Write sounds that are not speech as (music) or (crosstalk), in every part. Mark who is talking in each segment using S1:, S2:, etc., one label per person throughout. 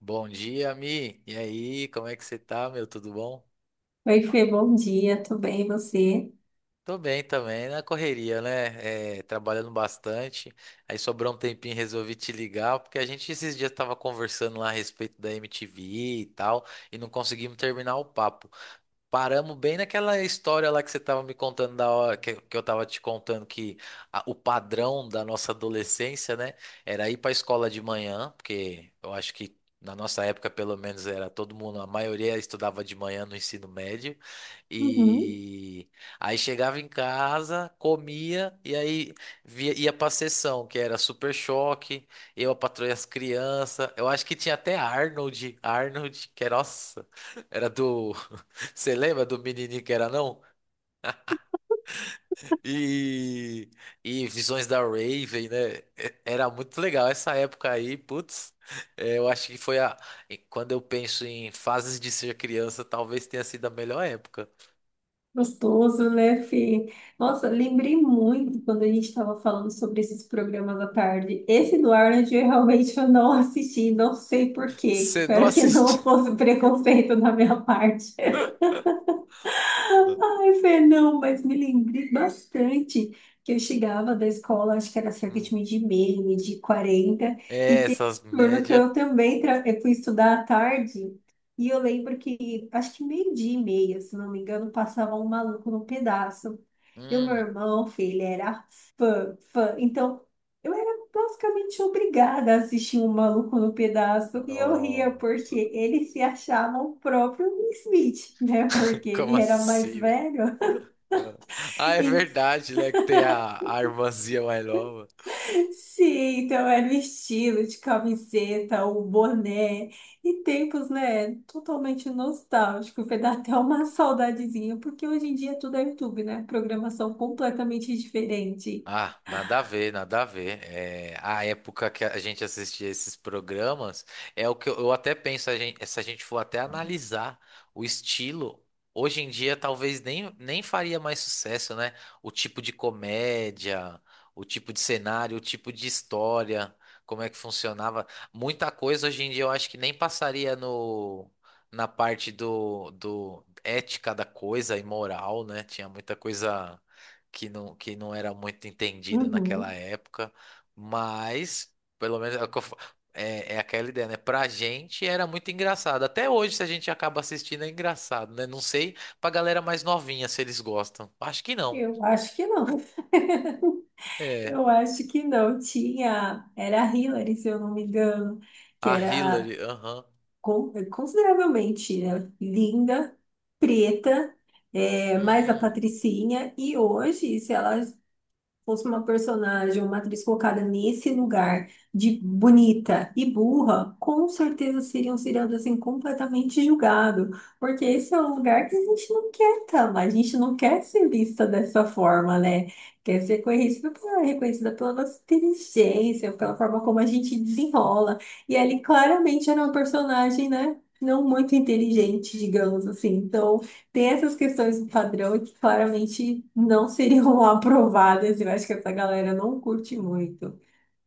S1: Bom dia, Mi. E aí, como é que você tá, meu? Tudo bom?
S2: Oi, Fê, bom dia, tudo bem, e você?
S1: Tô bem também, na correria, né? É, trabalhando bastante. Aí sobrou um tempinho, resolvi te ligar, porque a gente esses dias tava conversando lá a respeito da MTV e tal, e não conseguimos terminar o papo. Paramos bem naquela história lá que você estava me contando da hora, que eu estava te contando que o padrão da nossa adolescência, né, era ir para a escola de manhã, porque eu acho que na nossa época, pelo menos, era todo mundo, a maioria estudava de manhã no ensino médio,
S2: Uhum.
S1: e aí chegava em casa, comia, e aí via, ia para a sessão, que era Super Choque, Eu, a Patroa e as Crianças. Eu acho que tinha até Arnold, que, nossa, era do você lembra do menininho, que era, não? E Visões da Raven, né? Era muito legal essa época aí, putz. É, eu acho que foi a. E quando eu penso em fases de ser criança, talvez tenha sido a melhor época.
S2: Gostoso, né, Fê? Nossa, lembrei muito quando a gente estava falando sobre esses programas à tarde. Esse do Arnold, eu realmente eu não assisti, não sei por quê.
S1: Você não (laughs)
S2: Espero que não
S1: assistiu?
S2: fosse preconceito da minha (laughs) parte. Ai, Fê, não, mas me lembrei bastante que eu chegava da escola, acho que era cerca de
S1: Hum.
S2: meio de meia, meio de quarenta, e
S1: É,
S2: teve
S1: essas
S2: um turno que
S1: médias.
S2: eu também eu fui estudar à tarde, e eu lembro que, acho que meio dia e meia, se não me engano, passava um maluco no pedaço. E o meu
S1: Hum.
S2: irmão, filho, era fã, fã. Então, basicamente obrigada a assistir um maluco no pedaço. E eu ria
S1: Nó.
S2: porque ele se achava o próprio Will Smith, né? Porque
S1: Como
S2: ele era mais
S1: assim, velho?
S2: velho.
S1: Ah,
S2: (laughs)
S1: Ah, é
S2: E-
S1: verdade, né? Que tem a irmãzinha mais nova.
S2: Sim, então era o estilo de camiseta, o boné. E tempos, né? Totalmente nostálgico. Vai dar até uma saudadezinha, porque hoje em dia tudo é YouTube, né? Programação completamente diferente.
S1: Ah, nada a ver, nada a ver. É, a época que a gente assistia esses programas é o que eu até penso, se a gente for até analisar o estilo, hoje em dia talvez nem faria mais sucesso, né? O tipo de comédia, o tipo de cenário, o tipo de história, como é que funcionava. Muita coisa hoje em dia eu acho que nem passaria no, na parte do ética da coisa e moral, né? Tinha muita coisa que não era muito entendida naquela
S2: Uhum.
S1: época, mas pelo menos é, o que eu fa- é- é aquela ideia, né? Pra gente era muito engraçado. Até hoje, se a gente acaba assistindo, é engraçado, né? Não sei pra galera mais novinha se eles gostam. Acho que não.
S2: Eu acho que não.
S1: É.
S2: Eu acho que não tinha. Era a Hillary, se eu não me engano, que
S1: A
S2: era
S1: Hillary, aham.
S2: consideravelmente, né, linda, preta, é, mais a
S1: Hum.
S2: Patricinha. E hoje, se ela fosse uma personagem, uma atriz colocada nesse lugar de bonita e burra, com certeza seriam seriados assim completamente julgado, porque esse é um lugar que a gente não quer estar, mas a gente não quer ser vista dessa forma, né? Quer ser reconhecida pela nossa inteligência, pela forma como a gente desenrola. E ele claramente era uma personagem, né? Não muito inteligente, digamos assim. Então, tem essas questões do padrão que claramente não seriam (laughs) aprovadas. Eu acho que essa galera não curte muito.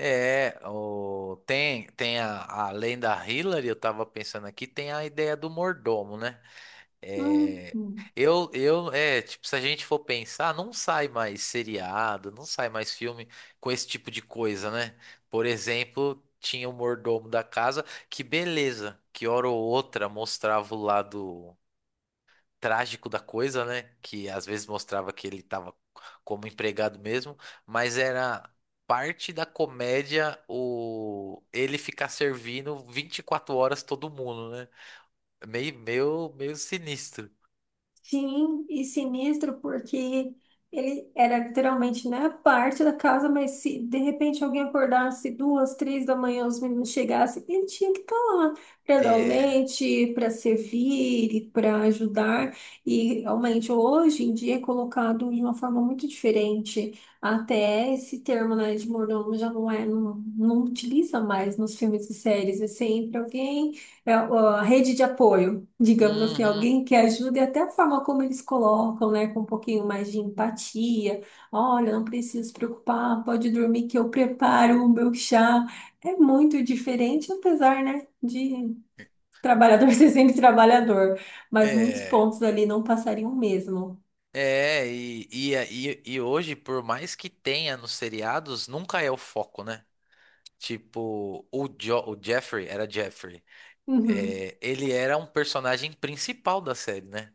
S1: É, tem além da Hillary, eu tava pensando aqui, tem a ideia do mordomo, né? É,
S2: Hum.
S1: é, tipo, se a gente for pensar, não sai mais seriado, não sai mais filme com esse tipo de coisa, né? Por exemplo, tinha o mordomo da casa, que beleza, que hora ou outra mostrava o lado trágico da coisa, né? Que às vezes mostrava que ele tava como empregado mesmo, mas era parte da comédia o ele ficar servindo 24 horas todo mundo, né? Meio sinistro.
S2: Sim, e sinistro porque ele era literalmente na parte da casa, mas se de repente alguém acordasse duas, três da manhã, os meninos chegassem, ele tinha que estar lá para dar o
S1: É.
S2: leite, para servir, para ajudar. E realmente hoje em dia é colocado de uma forma muito diferente. Até esse termo, né, de mordomo já não é, não utiliza mais nos filmes e séries. É sempre alguém, é a rede de apoio, digamos assim,
S1: Uhum.
S2: alguém que ajude, até a forma como eles colocam, né, com um pouquinho mais de empatia. Olha, não precisa se preocupar, pode dormir que eu preparo o meu chá. É muito diferente, apesar, né, de trabalhador (laughs) ser sempre trabalhador, mas muitos
S1: É.
S2: pontos ali não passariam mesmo.
S1: E hoje, por mais que tenha nos seriados, nunca é o foco, né? Tipo, o Jeffrey, era Jeffrey.
S2: Uhum.
S1: É, ele era um personagem principal da série, né?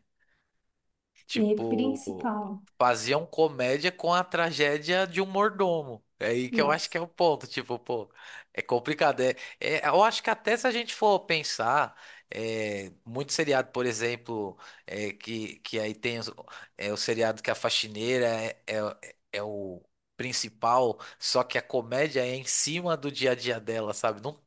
S2: E
S1: Tipo,
S2: principal,
S1: faziam comédia com a tragédia de um mordomo. É aí que eu acho
S2: nossa.
S1: que é o ponto. Tipo, pô, é complicado. Eu acho que até se a gente for pensar, é, muito seriado, por exemplo, é, que aí tem é, o seriado que a faxineira é, o principal, só que a comédia é em cima do dia a dia dela, sabe? Não.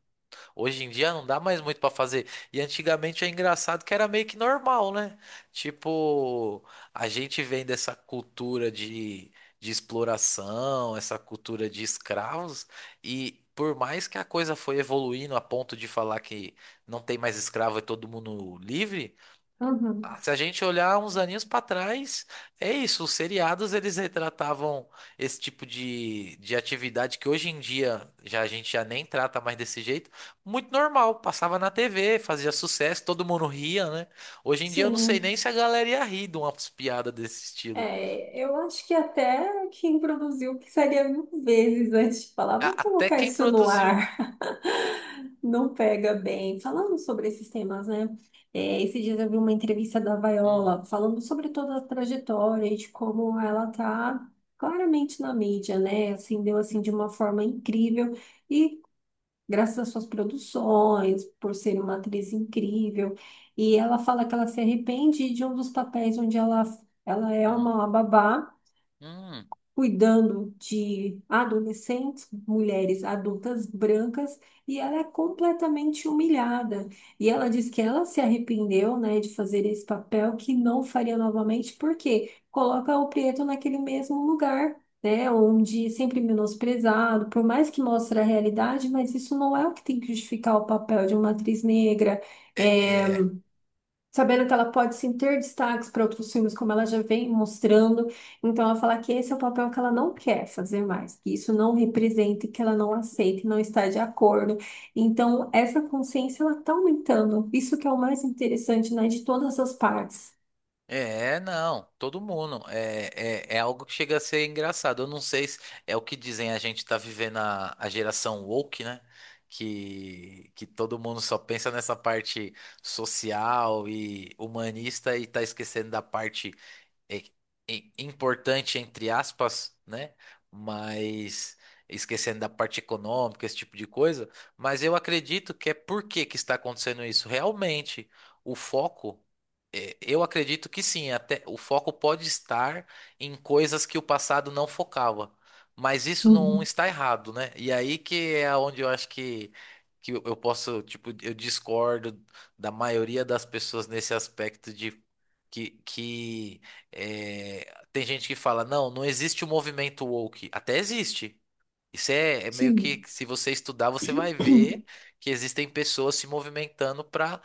S1: Hoje em dia não dá mais muito pra fazer. E antigamente é engraçado que era meio que normal, né? Tipo, a gente vem dessa cultura de exploração, essa cultura de escravos, e por mais que a coisa foi evoluindo a ponto de falar que não tem mais escravo e todo mundo livre,
S2: Uhum.
S1: se a gente olhar uns aninhos para trás, é isso. Os seriados eles retratavam esse tipo de atividade que hoje em dia já a gente já nem trata mais desse jeito. Muito normal, passava na TV, fazia sucesso, todo mundo ria, né? Hoje em dia eu não sei nem
S2: Sim,
S1: se a galera ia rir de umas piadas desse estilo.
S2: é, eu acho que até quem produziu pensaria 1.000 vezes antes de falar, vamos
S1: Até
S2: colocar
S1: quem
S2: isso no
S1: produziu.
S2: ar. Não pega bem. Falando sobre esses temas, né? É, esses dias eu vi uma entrevista da
S1: Hum,
S2: Viola falando sobre toda a trajetória e de como ela tá claramente na mídia, né? Assim, deu assim de uma forma incrível e graças às suas produções, por ser uma atriz incrível. E ela fala que ela se arrepende de um dos papéis onde ela é
S1: hum,
S2: uma babá
S1: hum.
S2: cuidando de adolescentes, mulheres adultas brancas, e ela é completamente humilhada. E ela diz que ela se arrependeu, né, de fazer esse papel, que não faria novamente, porque coloca o preto naquele mesmo lugar. Né, onde é sempre menosprezado, por mais que mostre a realidade, mas isso não é o que tem que justificar o papel de uma atriz negra, é, sabendo que ela pode sim ter destaques para outros filmes, como ela já vem mostrando. Então, ela fala que esse é o papel que ela não quer fazer mais, que isso não representa, e que ela não aceita, e não está de acordo. Então, essa consciência ela está aumentando. Isso que é o mais interessante, né, de todas as partes.
S1: É, não, todo mundo. É, algo que chega a ser engraçado. Eu não sei se é o que dizem, a gente tá vivendo a geração woke, né? Que todo mundo só pensa nessa parte social e humanista e tá esquecendo da parte é- é importante, entre aspas, né? Mas esquecendo da parte econômica, esse tipo de coisa. Mas eu acredito que é por que que está acontecendo isso. Realmente, o foco, é, eu acredito que sim, até o foco pode estar em coisas que o passado não focava. Mas isso não
S2: Uhum.
S1: está errado, né? E aí que é onde eu acho que eu posso, tipo, eu discordo da maioria das pessoas nesse aspecto de que é, tem gente que fala, não, não existe o movimento woke. Até existe. Isso é, é meio que,
S2: Sim.
S1: se você estudar, você vai ver
S2: (clears throat)
S1: que existem pessoas se movimentando para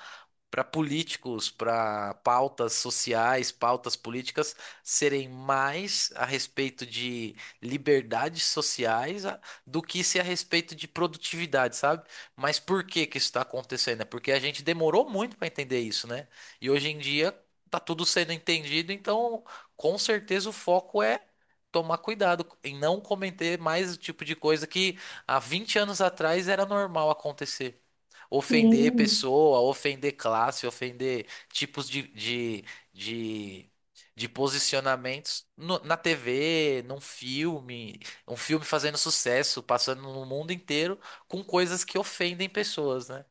S1: para políticos, para pautas sociais, pautas políticas serem mais a respeito de liberdades sociais do que se a respeito de produtividade, sabe? Mas por que que isso está acontecendo? É porque a gente demorou muito para entender isso, né? E hoje em dia tá tudo sendo entendido, então com certeza o foco é tomar cuidado em não cometer mais o tipo de coisa que há 20 anos atrás era normal acontecer, ofender
S2: Sim,
S1: pessoa, ofender classe, ofender tipos de, de posicionamentos na TV, num filme, um filme fazendo sucesso, passando no mundo inteiro com coisas que ofendem pessoas, né?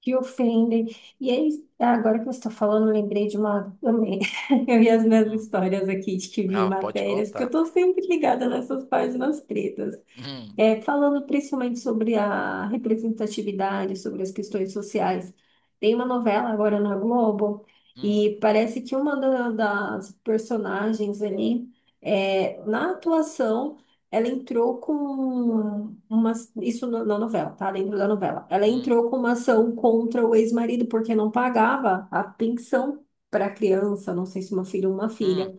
S2: que ofendem. E aí, agora que você está falando, eu lembrei de uma, também. (laughs) Eu vi as minhas
S1: Hum.
S2: histórias aqui de que vi
S1: Ah, pode
S2: matérias, que eu
S1: contar.
S2: estou sempre ligada nessas páginas pretas.
S1: Hum,
S2: É, falando principalmente sobre a representatividade, sobre as questões sociais, tem uma novela agora na Globo
S1: hum,
S2: e parece que uma das personagens ali, é, na atuação, ela entrou com uma, isso na novela, tá? Dentro da novela. Ela
S1: hum,
S2: entrou com uma ação contra o ex-marido porque não pagava a pensão para a criança, não sei se uma filha ou uma
S1: hum.
S2: filha.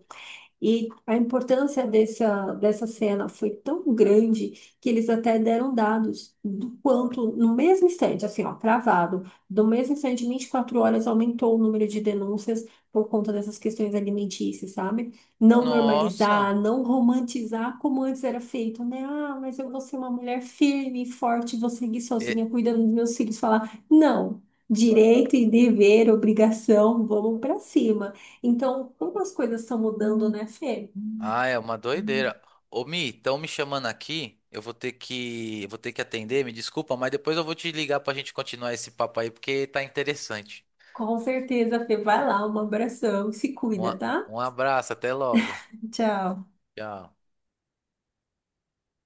S2: E a importância dessa cena foi tão grande que eles até deram dados do quanto, no mesmo instante, assim, ó, cravado, do mesmo instante, em 24 horas, aumentou o número de denúncias por conta dessas questões alimentícias, sabe? Não
S1: Nossa.
S2: normalizar, não romantizar como antes era feito, né? Ah, mas eu vou ser uma mulher firme, forte, vou seguir sozinha, cuidando dos meus filhos, falar, não. Direito e dever, obrigação, vamos para cima. Então, como as coisas estão mudando, né, Fê?
S1: Ah, é uma doideira. Ô, Mi, estão me chamando aqui. eu vou ter que, atender, me desculpa, mas depois eu vou te ligar pra gente continuar esse papo aí, porque tá interessante.
S2: Com certeza, Fê, vai lá, um abração, se cuida, tá?
S1: Um abraço, até logo.
S2: Tchau.
S1: Tchau.